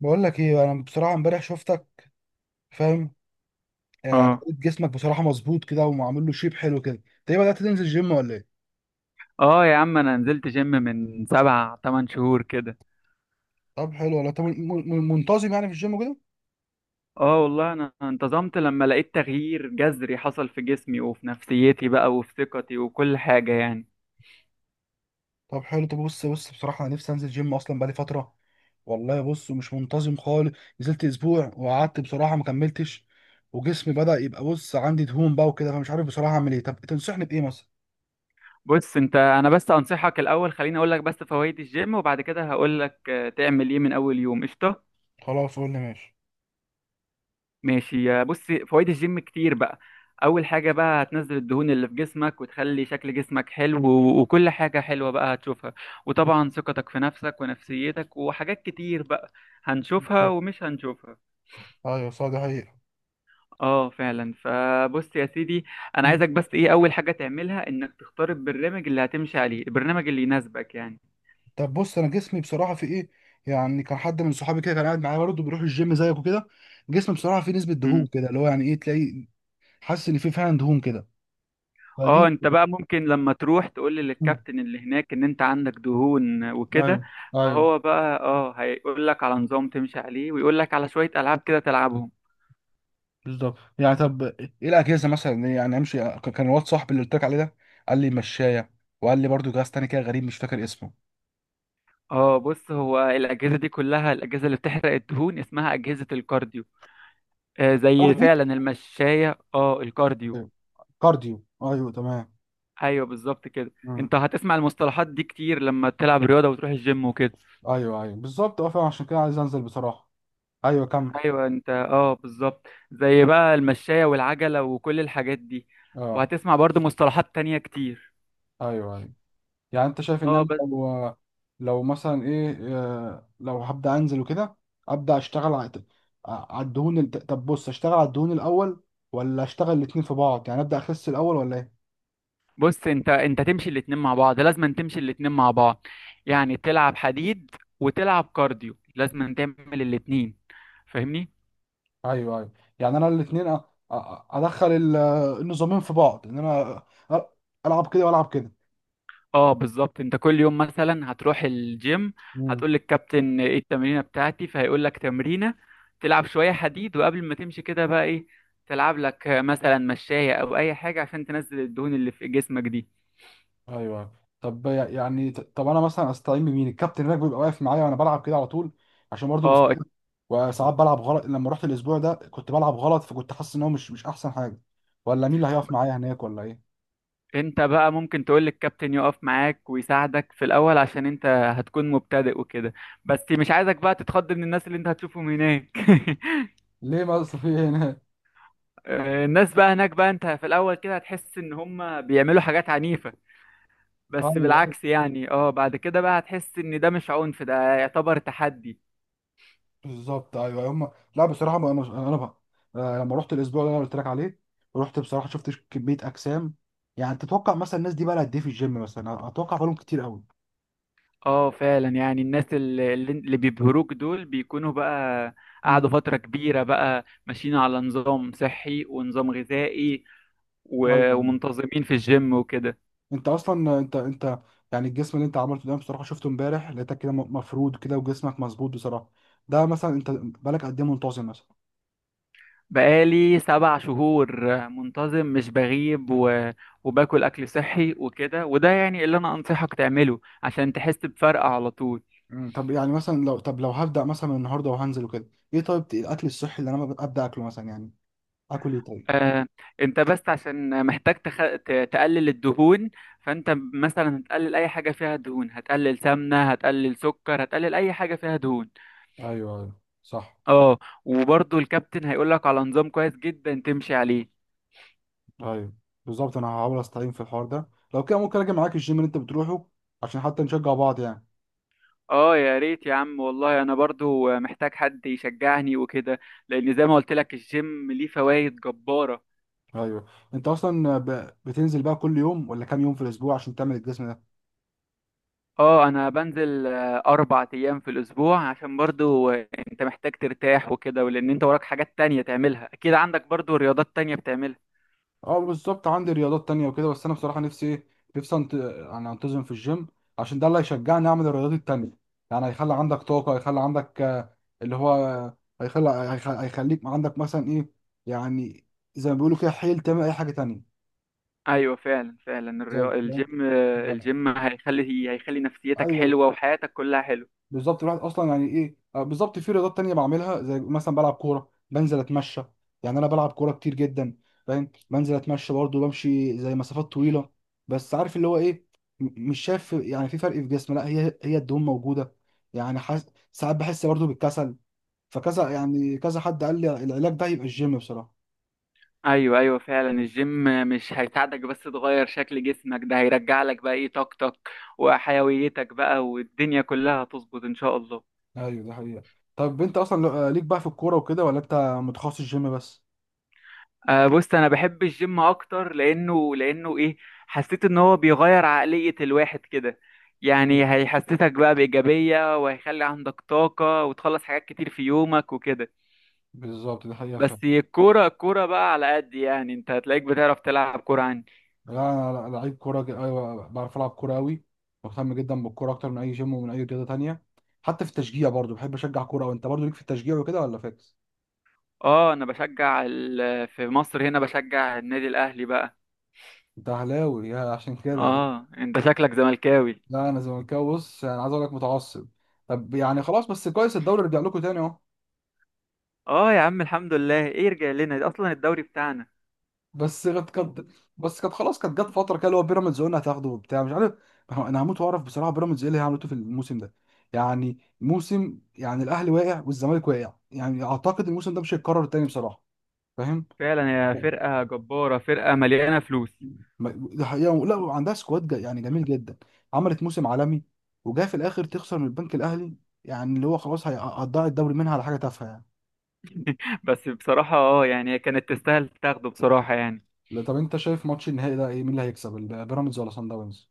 بقول لك ايه، انا بصراحه امبارح شفتك. فاهم؟ آه، اه لقيت جسمك بصراحه مظبوط كده ومعمول له شيب حلو كده. انت ايه، بدات تنزل جيم ولا ايه؟ اه، يا عم انا نزلت جيم من سبع تمن شهور كده. طب حلو. ولا انت منتظم يعني في الجيم كده؟ اه، والله انا انتظمت لما لقيت تغيير جذري حصل في جسمي، وفي نفسيتي بقى، وفي ثقتي، وكل حاجة يعني. طب حلو. طب بص بصراحه انا نفسي انزل جيم اصلا بقالي فتره. والله بص مش منتظم خالص. نزلت اسبوع وقعدت بصراحه ما كملتش. وجسمي بدا يبقى، بص عندي دهون بقى وكده، فمش عارف بصراحه اعمل ايه. طب تنصحني بايه مثلا؟ بص انت، انا بس انصحك الاول، خليني اقول لك بس فوائد الجيم، وبعد كده هقول لك تعمل ايه من اول يوم. قشطة. خلاص قول لي ماشي. ماشي يا بص. فوائد الجيم كتير بقى. اول حاجه بقى هتنزل الدهون اللي في جسمك، وتخلي شكل جسمك حلو، و- وكل حاجه حلوه بقى هتشوفها. وطبعا ثقتك في نفسك ونفسيتك وحاجات كتير بقى هنشوفها طب. ومش هنشوفها. ايوه صح، دي حقيقة. اه فعلا. فبص يا سيدي، انا عايزك بس ايه اول حاجه تعملها انك تختار البرنامج اللي هتمشي عليه، البرنامج اللي يناسبك يعني. طب بص انا جسمي بصراحه في ايه، يعني كان حد من صحابي كده كان قاعد معايا برضه بيروح الجيم زيك وكده. جسمي بصراحه فيه نسبه دهون كده اللي هو يعني ايه تلاقي، حاسس ان فيه فعلا دهون كده اه، فدي. انت بقى ممكن لما تروح تقول مم. للكابتن اللي هناك ان انت عندك دهون ايوه. وكده، ايوه. فهو بقى هيقول لك على نظام تمشي عليه، ويقول لك على شوية العاب كده تلعبهم. بالظبط. يعني طب ايه الاجهزه مثلا، يعني امشي كان الواد صاحبي اللي قلت لك عليه ده قال لي مشايه. وقال لي برضه جهاز تاني كده غريب مش فاكر اسمه. اه بص، هو الاجهزة دي كلها، الاجهزة اللي بتحرق الدهون اسمها اجهزة الكارديو. آه، زي كارديو. فعلا المشاية، اه الكارديو. كارديو، ايوه تمام. ايوه بالظبط كده. مم. انت هتسمع المصطلحات دي كتير لما تلعب رياضة وتروح الجيم وكده. ايوه ايوه بالظبط، اه فعلا عشان كده عايز انزل بصراحه. ايوه كمل. ايوه، انت اه بالظبط زي بقى المشاية والعجلة وكل الحاجات دي. اه. وهتسمع برضو مصطلحات تانية كتير. ايوه ايوه. يعني انت شايف ان اه انا بس، لو، لو مثلا ايه آه، لو هبدا انزل وكده، ابدا اشتغل على الدهون طب بص اشتغل على الدهون الاول ولا اشتغل الاتنين في بعض، يعني ابدا اخس الاول ولا ايه؟ بص انت تمشي الاتنين مع بعض، لازم تمشي الاتنين مع بعض. يعني تلعب حديد وتلعب كارديو، لازم تعمل الاتنين، فاهمني؟ ايوه ايوه. يعني انا الاتنين ادخل النظامين في بعض، ان انا أ- العب كده والعب اه بالظبط. انت كل يوم مثلا هتروح الجيم، كده. هتقول للكابتن ايه التمرينه بتاعتي، فهيقول لك تمرينه تلعب شويه حديد. وقبل ما تمشي كده بقى ايه، تلعب لك مثلا مشاية او اي حاجه عشان تنزل الدهون اللي في جسمك دي. ايوه. طب يعني طب انا مثلا استعين بمين، الكابتن هناك بيبقى واقف معايا وانا بلعب كده على طول، عشان برضه بس. اه، وساعات بلعب غلط، لما رحت الاسبوع ده كنت بلعب غلط، فكنت حاسس ان هو مش احسن حاجه. ولا مين اللي هيقف معايا هناك ولا ايه؟ انت بقى ممكن تقول للكابتن يقف معاك ويساعدك في الاول، عشان انت هتكون مبتدئ وكده. بس مش عايزك بقى تتخض من الناس اللي انت هتشوفهم هناك. ليه، ما في إيه هناك؟ الناس بقى هناك بقى، انت في الاول كده هتحس ان هم بيعملوا حاجات عنيفه. ايوه بس أيوة، بالعكس يعني، اه بعد كده بقى هتحس ان ده مش عنف، ده يعتبر تحدي. بالظبط ايوه أيوه. هم لا بصراحه، انا بقى لما رحت الاسبوع اللي انا قلت لك عليه، رحت بصراحه شفت كميه اجسام. يعني تتوقع مثلا الناس دي بقى لها قد ايه في الجيم مثلا؟ اتوقع بقالهم كتير قوي. اه فعلا. يعني الناس اللي بيبهروك دول بيكونوا بقى مم. قعدوا فترة كبيرة بقى ماشيين على نظام صحي ونظام غذائي، و- ايوه. ومنتظمين في الجيم وكده. انت اصلا انت يعني الجسم اللي انت عملته ده، بصراحه شفته امبارح لقيتك كده مفرود كده وجسمك مظبوط بصراحه. ده مثلا انت بقالك قد ايه منتظم مثلا؟ بقالي 7 شهور منتظم، مش بغيب، و... وباكل أكل صحي وكده، وده يعني اللي أنا أنصحك تعمله عشان تحس بفرق على طول. مم. طب يعني مثلا لو، طب لو هبدا مثلا من النهارده وهنزل وكده، ايه طيب الاكل الصحي اللي انا ابدا اكله مثلا، يعني اكل ايه طيب؟ آه، انت بس عشان محتاج تقلل الدهون. فانت مثلا هتقلل اي حاجه فيها دهون، هتقلل سمنه، هتقلل سكر، هتقلل اي حاجه فيها دهون. ايوه ايوه صح. اه، وبرضو الكابتن هيقول لك على نظام كويس جدا تمشي عليه. ايوه بالظبط، انا هحاول استعين في الحوار ده. لو كده ممكن اجي معاك الجيم اللي انت بتروحه، عشان حتى نشجع بعض يعني. اه يا ريت يا عم، والله انا برضو محتاج حد يشجعني وكده، لان زي ما قلت لك الجيم ليه فوائد جباره. ايوه. انت اصلا بتنزل بقى كل يوم ولا كام يوم في الاسبوع، عشان تعمل الجسم ده؟ اه، انا بنزل 4 ايام في الاسبوع، عشان برضو انت محتاج ترتاح وكده، ولان انت وراك حاجات تانية تعملها، اكيد عندك برضو رياضات تانية بتعملها. اه بالظبط، عندي رياضات تانية وكده بس انا بصراحة نفسي ايه، نفسي انت... يعني انتظم في الجيم، عشان ده اللي هيشجعني اعمل الرياضات التانية. يعني هيخلي عندك طاقة، هيخلي عندك اللي هو هيخلي هيخليك عندك مثلا ايه، يعني زي ما بيقولوا كده، حيل تعمل اي حاجة تانية. ايوه فعلا فعلا. بالظبط، الجيم، فاهم؟ الجيم هيخلي نفسيتك ايوه. حلوة وحياتك كلها حلوة. بالظبط الواحد اصلا يعني ايه بالظبط في رياضات تانية بعملها، زي مثلا بلعب كوره، بنزل اتمشى. يعني انا بلعب كوره كتير جدا فاهم. بنزل اتمشى برضه، بمشي زي مسافات طويله. بس عارف اللي هو ايه، مش شايف يعني في فرق في جسمي، لا هي الدهون موجوده يعني ساعات بحس برضه بالكسل. فكذا يعني كذا حد قال لي العلاج ده يبقى الجيم بصراحه. ايوه ايوه فعلا. الجيم مش هيساعدك بس تغير شكل جسمك، ده هيرجع لك بقى ايه طاقتك وحيويتك بقى، والدنيا كلها هتظبط ان شاء الله. ايوه ده حقيقة. طب انت اصلا ليك بقى في الكوره وكده، ولا انت متخصص جيم بس؟ بص انا بحب الجيم اكتر لانه ايه، حسيت ان هو بيغير عقلية الواحد كده. يعني هيحسسك بقى بإيجابية، وهيخلي عندك طاقة، وتخلص حاجات كتير في يومك وكده. بالظبط ده حقيقة فعلا. بس الكورة، الكورة بقى على قد يعني، انت هتلاقيك بتعرف تلعب كورة عني. لا انا لعيب كوره ايوه بعرف العب كوره قوي. مهتم جدا بالكوره اكتر من اي جيم ومن اي رياضه تانية. حتى في التشجيع برضو بحب اشجع كوره، وانت برضو ليك في التشجيع وكده ولا فاكس؟ اه، انا بشجع في مصر هنا بشجع النادي الاهلي بقى. انت اهلاوي يا عشان كده؟ اه، انت شكلك زملكاوي. لا انا زملكاوي، بص انا عايز اقول لك، متعصب. طب يعني خلاص، بس كويس الدوري رجع لكم تاني اهو. اه يا عم، الحمد لله. ايه يرجع لنا؟ ده اصلا الدوري بتاعنا. بس كانت كانت بس كانت خلاص، كانت جت فتره كده اللي هو بيراميدز قلنا هتاخده وبتاع مش عارف. انا هموت واعرف بصراحه بيراميدز ايه اللي هي عملته في الموسم ده. يعني موسم، يعني الاهلي واقع والزمالك واقع، يعني اعتقد الموسم ده مش هيتكرر تاني بصراحه فاهم. فعلا، يا فرقة جبارة، فرقة مليانة فلوس. ده حقيقة، لا وعندها سكواد يعني جميل جدا، عملت موسم عالمي وجايه في الاخر تخسر من البنك الاهلي، يعني اللي هو خلاص هتضيع الدوري منها على حاجه تافهه يعني. بس بصراحة اه يعني هي كانت تستاهل تاخده بصراحة يعني. لا، طب انت شايف ماتش النهائي ده ايه، مين اللي هيكسب بيراميدز ولا صن داونز؟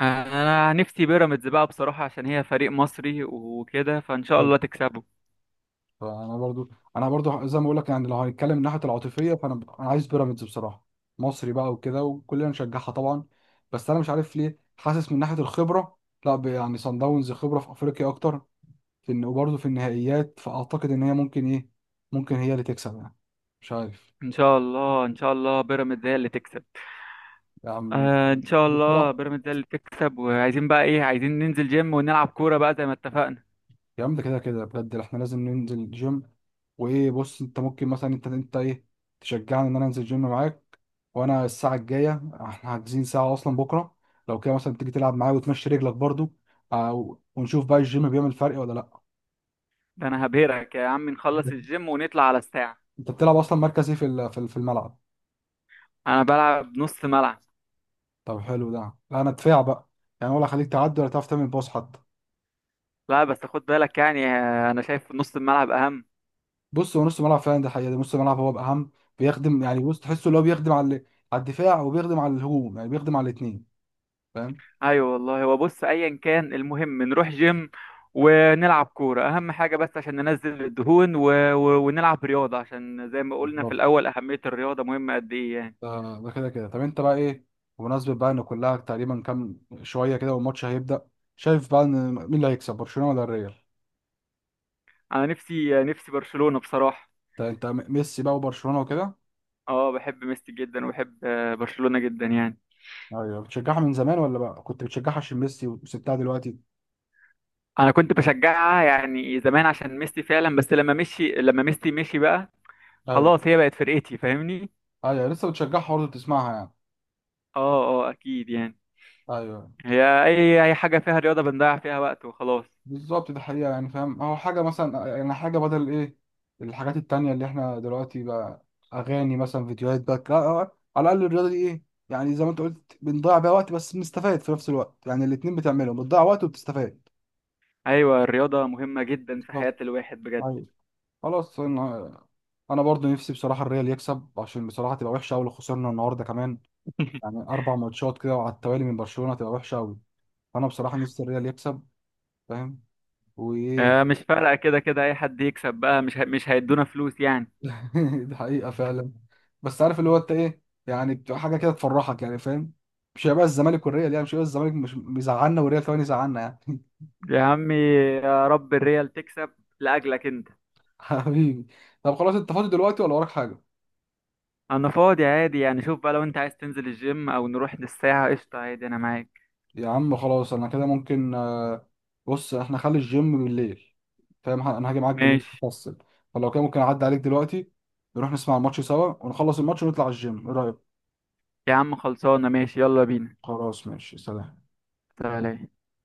انا نفسي بيراميدز بقى بصراحة، عشان هي فريق مصري وكده، فان شاء طيب. الله تكسبه. فانا برضو انا برضو زي ما بقول لك، يعني لو هنتكلم من ناحيه العاطفيه فانا انا عايز بيراميدز بصراحه. مصري بقى وكده وكلنا نشجعها طبعا. بس انا مش عارف ليه حاسس من ناحيه الخبره، لا يعني صن داونز خبره في افريقيا اكتر، في إن وبرضه في النهائيات، فأعتقد إن هي ممكن إيه، ممكن هي اللي تكسب يعني مش عارف. ان شاء الله، ان شاء الله بيراميدز هي اللي تكسب. يا عم ان شاء الله بصراحة، بيراميدز هي اللي تكسب. وعايزين بقى ايه، عايزين ننزل جيم ونلعب كورة بقى زي ما اتفقنا. يا عم ده كده كده بجد احنا لازم ننزل الجيم. وإيه بص، أنت ممكن مثلا أنت إيه، تشجعني إن أنا أنزل الجيم معاك. وأنا الساعة الجاية احنا حاجزين ساعة أصلا بكرة. لو كده مثلا تيجي تلعب معايا وتمشي رجلك برضه، ونشوف بقى الجيم بيعمل فرق ولا لأ. ده انا هبهرك يا عم، نخلص الجيم ونطلع على الساعة. انت بتلعب اصلا مركز ايه في الملعب؟ انا بلعب نص ملعب. طب حلو ده. لا انا دفاع بقى، يعني ولا خليك تعدي، ولا تعرف تعمل باص حتى. لا بس خد بالك يعني، انا شايف نص الملعب اهم. بص هو نص ملعب فعلا، ده حقيقة ده نص ملعب هو بأهم. بيخدم يعني، بص تحسه اللي هو بيخدم على على الدفاع، وبيخدم على الهجوم، يعني بيخدم على الاثنين فاهم. ايوه والله، هو بص، ايا كان المهم نروح جيم ونلعب كوره، اهم حاجه بس عشان ننزل الدهون، و... و... ونلعب رياضه، عشان زي ما قلنا في بالظبط. الاول اهميه الرياضه مهمه قد ايه يعني. ده كده كده، طب انت بقى ايه، بمناسبة بقى ان كلها تقريبا كام شوية كده والماتش هيبدأ، شايف بقى ان مين اللي هيكسب، برشلونة ولا الريال؟ انا نفسي برشلونه بصراحه. انت ميسي بقى وبرشلونة وكده؟ اه، بحب ميسي جدا، وبحب برشلونه جدا يعني. ايوه، بتشجعها من زمان ولا بقى كنت بتشجعها عشان ميسي وسبتها دلوقتي؟ انا كنت بشجعها يعني زمان عشان ميسي فعلا. بس لما ميسي مشي بقى، ايوه خلاص هي بقت فرقتي، فاهمني؟ ايوه، لسه بتشجعها برضه بتسمعها يعني. اه، اكيد يعني. ايوه هي اي حاجه فيها رياضه بنضيع فيها وقت وخلاص. بالظبط دي حقيقة، يعني فاهم، هو حاجة مثلا يعني حاجة بدل ايه، الحاجات التانية اللي احنا دلوقتي بقى أغاني مثلا فيديوهات بقى، لا، على الأقل الرياضة دي ايه، يعني زي ما انت قلت بنضيع بيها وقت بس بنستفاد في نفس الوقت، يعني الاتنين بتعملهم، بتضيع وقت وبتستفاد. ايوه، الرياضه مهمه جدا في بالظبط. حياه الواحد بجد. ايوه. خلاص، انا برضه نفسي بصراحة الريال يكسب، عشان بصراحة تبقى وحشة أوي لو خسرنا النهاردة كمان. يعني 4 ماتشات كده وعلى التوالي من برشلونة، تبقى وحشة أوي. فأنا بصراحة نفسي الريال يكسب فاهم وإيه. مش فارقه، كده كده اي حد يكسب بقى مش هيدونا فلوس يعني. دي حقيقة فعلا. بس عارف اللي هو انت ايه، يعني بتبقى حاجة كده تفرحك يعني فاهم، مش هيبقى الزمالك والريال يعني مش هيبقى الزمالك مش بيزعلنا والريال كمان يزعلنا يعني. يا عمي، يا رب الريال تكسب لاجلك انت. حبيبي. طب خلاص، انت فاضي دلوقتي ولا وراك حاجة؟ انا فاضي عادي يعني، شوف بقى لو انت عايز تنزل الجيم او نروح للساعه قشطه عادي، انا معاك. يا عم خلاص انا كده ممكن بص احنا خلي الجيم بالليل فاهم، انا هاجي معاك بالليل ماشي تفصل. فلو كده ممكن اعدي عليك دلوقتي، نروح نسمع الماتش سوا ونخلص الماتش ونطلع الجيم، ايه رأيك؟ يا عم، خلصانه ماشي، يلا بينا. خلاص ماشي، سلام. سلام.